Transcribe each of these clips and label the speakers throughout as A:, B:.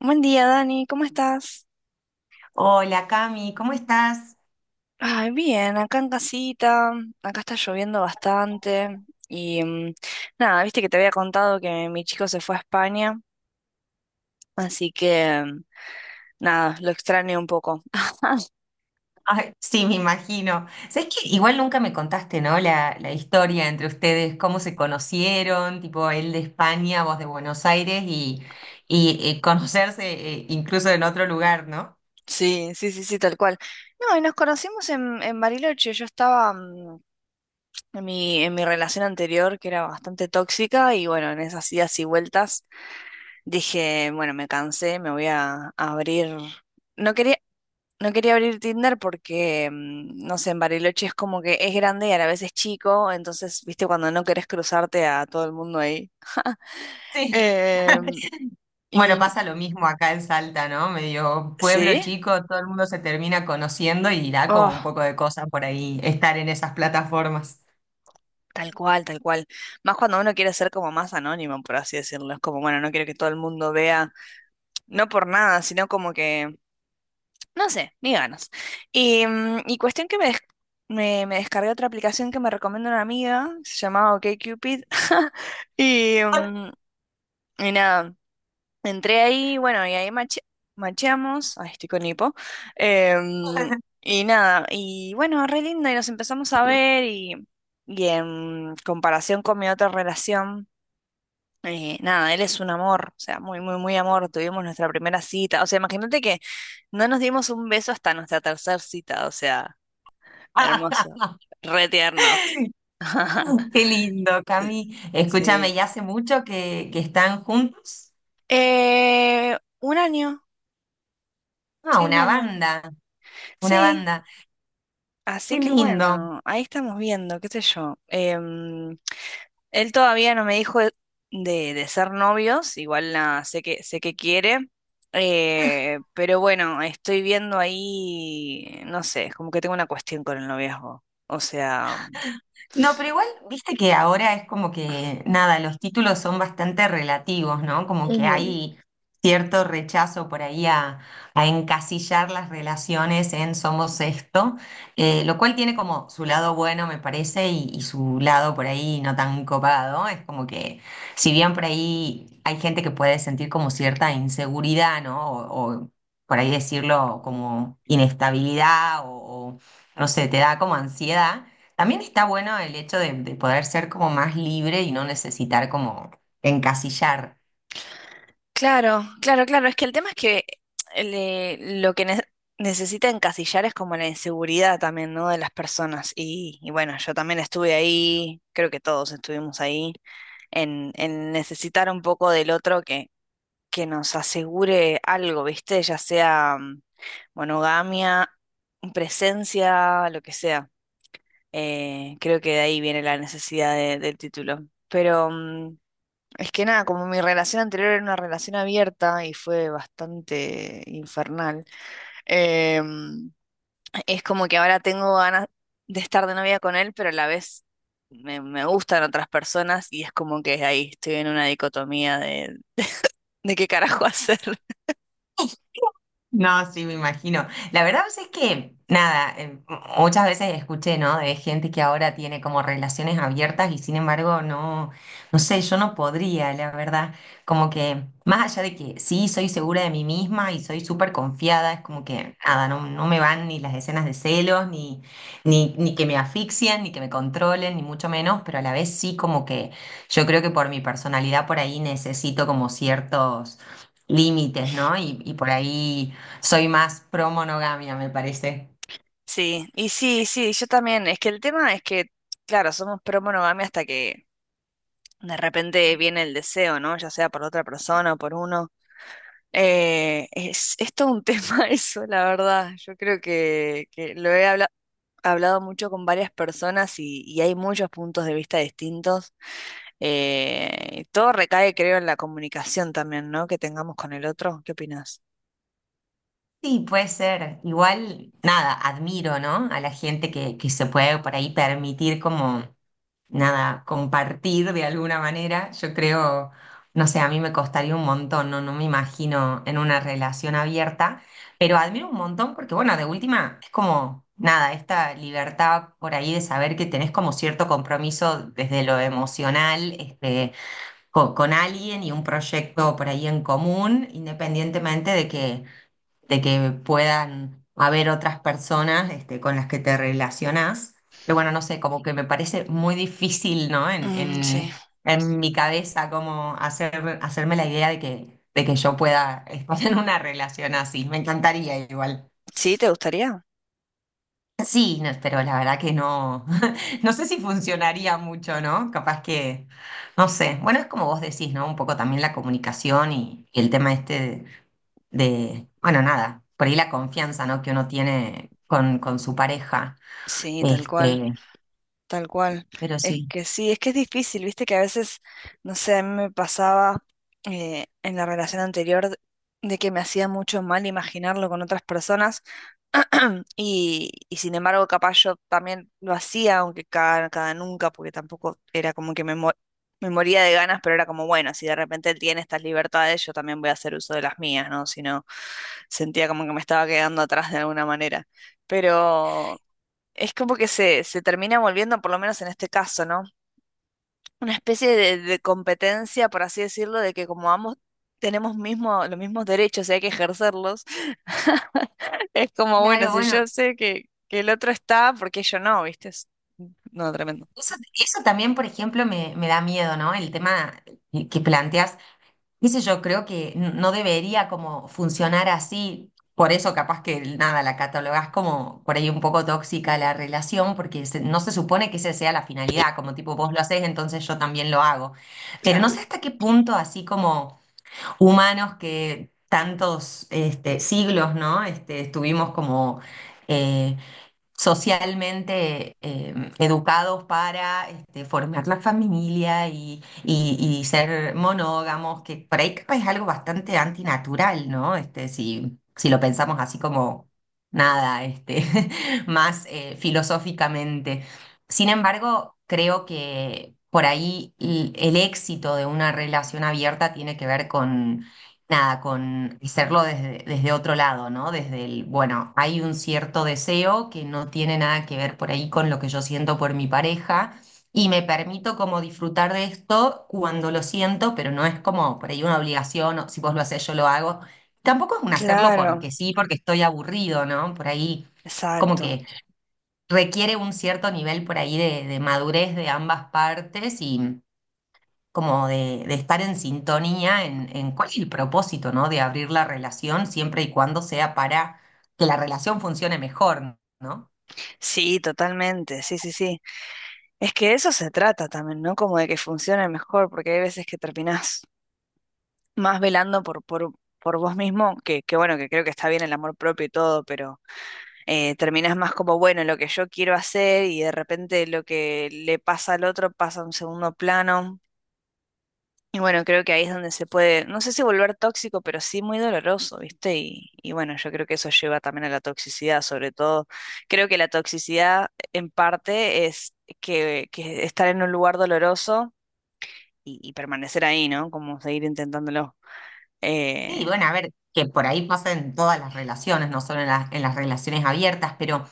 A: Buen día, Dani, ¿cómo estás?
B: Hola Cami, ¿cómo estás?
A: Ay, bien, acá en casita, acá está lloviendo bastante y nada, viste que te había contado que mi chico se fue a España, así que nada, lo extraño un poco.
B: Ay, sí, me imagino. ¿Sabés que igual nunca me contaste, ¿no? La historia entre ustedes, cómo se conocieron, tipo él de España, vos de Buenos Aires y, conocerse incluso en otro lugar, ¿no?
A: Sí, sí, sí, sí, tal cual. No, y nos conocimos en Bariloche, yo estaba en mi relación anterior que era bastante tóxica y bueno, en esas idas y vueltas dije, bueno, me cansé, me voy a abrir. No quería, No quería abrir Tinder porque, no sé, en Bariloche es como que es grande y a la vez es chico, entonces, viste, cuando no querés cruzarte a todo el mundo ahí.
B: Sí.
A: Em,
B: Bueno,
A: y
B: pasa lo mismo acá en Salta, ¿no? Medio pueblo
A: sí,
B: chico, todo el mundo se termina conociendo y da como un
A: oh,
B: poco de cosa por ahí estar en esas plataformas.
A: tal cual, tal cual. Más cuando uno quiere ser como más anónimo, por así decirlo. Es como, bueno, no quiero que todo el mundo vea, no por nada, sino como que, no sé, ni ganas. Y, y cuestión que me descargué otra aplicación que me recomienda una amiga, se llamaba OkCupid. Y, y nada. Entré ahí, bueno, y ahí macheamos. Ay, estoy con hipo. Em, y nada, y bueno, re lindo, y nos empezamos a ver, y en comparación con mi otra relación, nada, él es un amor, o sea, muy, muy, muy amor. Tuvimos nuestra primera cita, o sea, imagínate que no nos dimos un beso hasta nuestra tercera cita, o sea, hermoso, re tiernos.
B: Qué lindo, Cami.
A: Sí.
B: Escúchame, ¿ya hace mucho que están juntos?
A: Un año,
B: Ah,
A: sí, un
B: una
A: año.
B: banda, una
A: Sí,
B: banda.
A: así
B: Qué
A: que
B: lindo.
A: bueno, ahí estamos viendo, qué sé yo. Él todavía no me dijo de ser novios, igual nada, sé que quiere, pero bueno, estoy viendo ahí, no sé, como que tengo una cuestión con el noviazgo. O sea,
B: No, pero igual, viste que ahora es como que, nada, los títulos son bastante relativos, ¿no? Como que hay cierto rechazo por ahí a encasillar las relaciones en somos esto, lo cual tiene como su lado bueno, me parece, y su lado por ahí no tan copado. Es como que, si bien por ahí hay gente que puede sentir como cierta inseguridad, ¿no? O por ahí decirlo como inestabilidad o, no sé, te da como ansiedad. También está bueno el hecho de poder ser como más libre y no necesitar como encasillar.
A: claro, claro, claro. Es que el tema es que eh, le- lo que ne- necesita encasillar es como la inseguridad también, ¿no? De las personas. Y bueno, yo también estuve ahí, creo que todos estuvimos ahí, en necesitar un poco del otro que nos asegure algo, ¿viste? Ya sea monogamia, presencia, lo que sea. Creo que de ahí viene la necesidad del título. Pero, es que nada, como mi relación anterior era una relación abierta y fue bastante infernal, em, es como que ahora tengo ganas de estar de novia con él, pero a la vez me gustan otras personas y es como que ahí estoy en una dicotomía de qué carajo hacer.
B: No, sí, me imagino. La verdad pues, es que, nada, muchas veces escuché, ¿no? De gente que ahora tiene como relaciones abiertas y sin embargo no, no sé, yo no podría, la verdad. Como que, más allá de que sí, soy segura de mí misma y soy súper confiada, es como que, nada, no, no me van ni las escenas de celos, ni, ni, ni que me asfixian, ni que me controlen, ni mucho menos, pero a la vez sí como que yo creo que por mi personalidad por ahí necesito como ciertos límites, ¿no? Y por ahí... Soy más pro monogamia, me parece.
A: Sí, y sí, sí, yo también. Es que el tema es que, claro, somos pro monogamia hasta que de repente viene el deseo, ¿no? Ya sea por otra persona o por uno. Es todo un tema eso, la verdad. Yo creo que hablado mucho con varias personas y hay muchos puntos de vista distintos. Y todo recae, creo, en la comunicación también, ¿no? Que tengamos con el otro. ¿Qué opinas?
B: Sí, puede ser. Igual, nada, admiro, ¿no? A la gente que se puede por ahí permitir como, nada, compartir de alguna manera. Yo creo, no sé, a mí me costaría un montón, ¿no? No me imagino en una relación abierta, pero admiro un montón porque, bueno, de última, es como, nada, esta libertad por ahí de saber que tenés como cierto compromiso desde lo emocional, este con, alguien y un proyecto por ahí en común, independientemente de que puedan haber otras personas este, con las que te relacionás. Pero bueno, no sé, como que me parece muy difícil, ¿no?
A: Mm, sí.
B: En mi cabeza, como hacer, hacerme la idea de que yo pueda estar en una relación así. Me encantaría igual.
A: ¿Sí? ¿Te gustaría?
B: Sí, no, pero la verdad que no, no sé si funcionaría mucho, ¿no? Capaz que, no sé. Bueno, es como vos decís, ¿no? Un poco también la comunicación y el tema este de, bueno, nada, por ahí la confianza, ¿no? Que uno tiene con su pareja.
A: Sí, tal cual.
B: Este,
A: Tal cual.
B: pero
A: Es
B: sí.
A: que sí, es que es difícil, viste que a veces, no sé, a mí me pasaba en la relación anterior de que me hacía mucho mal imaginarlo con otras personas y sin embargo capaz yo también lo hacía, aunque cada nunca, porque tampoco era como que me moría de ganas, pero era como, bueno, si de repente él tiene estas libertades, yo también voy a hacer uso de las mías, ¿no? Si no, sentía como que me estaba quedando atrás de alguna manera. Pero es como que se termina volviendo, por lo menos en este caso, ¿no? Una especie de competencia, por así decirlo, de que como ambos los mismos derechos y hay que ejercerlos, es como, bueno,
B: Claro,
A: si
B: bueno,
A: yo sé que el otro está, ¿por qué yo no? ¿Viste? Es... No, tremendo.
B: eso también, por ejemplo, me da miedo, ¿no? El tema que planteas, qué sé yo, creo que no debería como funcionar así. Por eso capaz que nada, la catalogás como por ahí un poco tóxica la relación, porque no se supone que esa sea la finalidad, como tipo vos lo haces, entonces yo también lo hago. Pero no sé
A: Claro.
B: hasta qué punto, así como humanos que tantos este, siglos, ¿no? Este, estuvimos como eh, socialmente educados para este, formar la familia y, y ser monógamos, que por ahí capaz es algo bastante antinatural, ¿no? Este, si, si lo pensamos así como nada, este, más filosóficamente. Sin embargo, creo que por ahí el éxito de una relación abierta tiene que ver con nada, con hacerlo desde, desde otro lado, ¿no? Desde el, bueno, hay un cierto deseo que no tiene nada que ver por ahí con lo que yo siento por mi pareja y me permito como disfrutar de esto cuando lo siento, pero no es como por ahí una obligación, o si vos lo hacés, yo lo hago. Tampoco es un hacerlo
A: Claro,
B: porque sí, porque estoy aburrido, ¿no? Por ahí como
A: exacto.
B: que requiere un cierto nivel por ahí de madurez de ambas partes como de estar en sintonía en cuál es el propósito, ¿no? De abrir la relación siempre y cuando sea para que la relación funcione mejor, ¿no?
A: Sí, totalmente, sí, sí, sí. Es que de eso se trata también, ¿no? Como de que funcione mejor, porque hay veces que terminás más velando por vos mismo, que bueno, que creo que está bien el amor propio y todo, pero terminás más como, bueno, lo que yo quiero hacer y de repente lo que le pasa al otro pasa a un segundo plano. Y bueno, creo que ahí es donde se puede, no sé si volver tóxico, pero sí muy doloroso, ¿viste? Y bueno, yo creo que eso lleva también a la toxicidad, sobre todo. Creo que la toxicidad en parte es que estar en un lugar doloroso y permanecer ahí, ¿no? Como seguir intentándolo.
B: Sí,
A: Eh,
B: bueno, a ver, que por ahí pasa en todas las relaciones, no solo en las relaciones abiertas, pero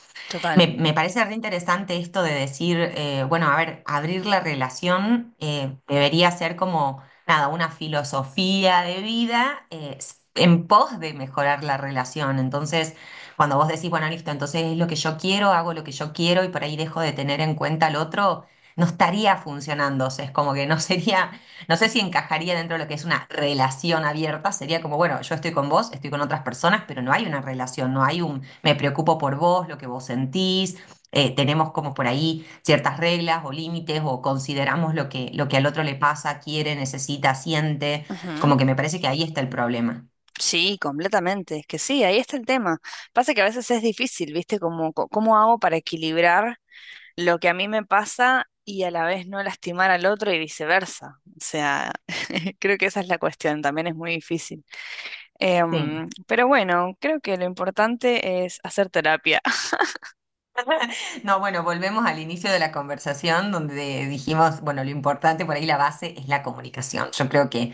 B: Me,
A: total.
B: me parece re interesante esto de decir, bueno, a ver, abrir la relación debería ser como, nada, una filosofía de vida en pos de mejorar la relación. Entonces, cuando vos decís, bueno, listo, entonces es lo que yo quiero, hago lo que yo quiero y por ahí dejo de tener en cuenta al otro, no estaría funcionando. O sea, es como que no sería, no sé si encajaría dentro de lo que es una relación abierta. Sería como, bueno, yo estoy con vos, estoy con otras personas, pero no hay una relación, no hay un, me preocupo por vos, lo que vos sentís. Tenemos como por ahí ciertas reglas o límites o consideramos lo que al otro le pasa, quiere, necesita, siente.
A: Ujú.
B: Como que me parece que ahí está el problema.
A: Sí, completamente. Es que sí, ahí está el tema. Pasa que a veces es difícil, ¿viste? ¿Cómo hago para equilibrar lo que a mí me pasa y a la vez no lastimar al otro y viceversa? O sea, creo que esa es la cuestión, también es muy difícil.
B: Sí.
A: Pero bueno, creo que lo importante es hacer terapia.
B: No, bueno, volvemos al inicio de la conversación donde dijimos, bueno, lo importante por ahí, la base es la comunicación. Yo creo que,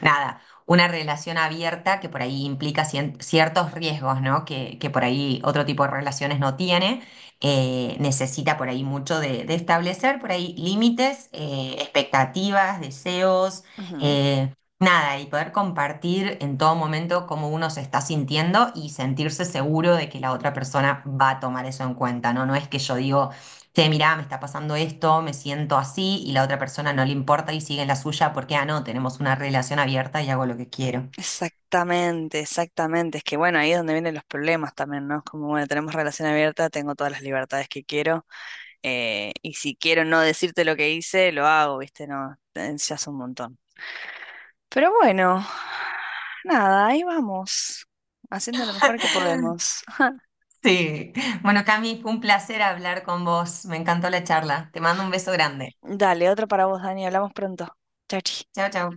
B: nada, una relación abierta que por ahí implica ciertos riesgos, ¿no? Que por ahí otro tipo de relaciones no tiene, necesita por ahí mucho de establecer por ahí límites, expectativas, deseos.
A: Ujú.
B: eh, Nada, y poder compartir en todo momento cómo uno se está sintiendo y sentirse seguro de que la otra persona va a tomar eso en cuenta, ¿no? No es que yo digo, che, mirá, me está pasando esto, me siento así, y la otra persona no le importa y sigue en la suya porque, ah, no, tenemos una relación abierta y hago lo que quiero.
A: Exactamente, exactamente. Es que bueno, ahí es donde vienen los problemas también, ¿no? Es como, bueno, tenemos relación abierta, tengo todas las libertades que quiero. Y si quiero no decirte lo que hice, lo hago, ¿viste? No, ya es un montón. Pero bueno, nada, ahí vamos, haciendo lo mejor que podemos.
B: Sí. Bueno, Cami, fue un placer hablar con vos. Me encantó la charla. Te mando un beso grande.
A: Dale, otro para vos, Dani, hablamos pronto. Chao, chi.
B: Chao, chao.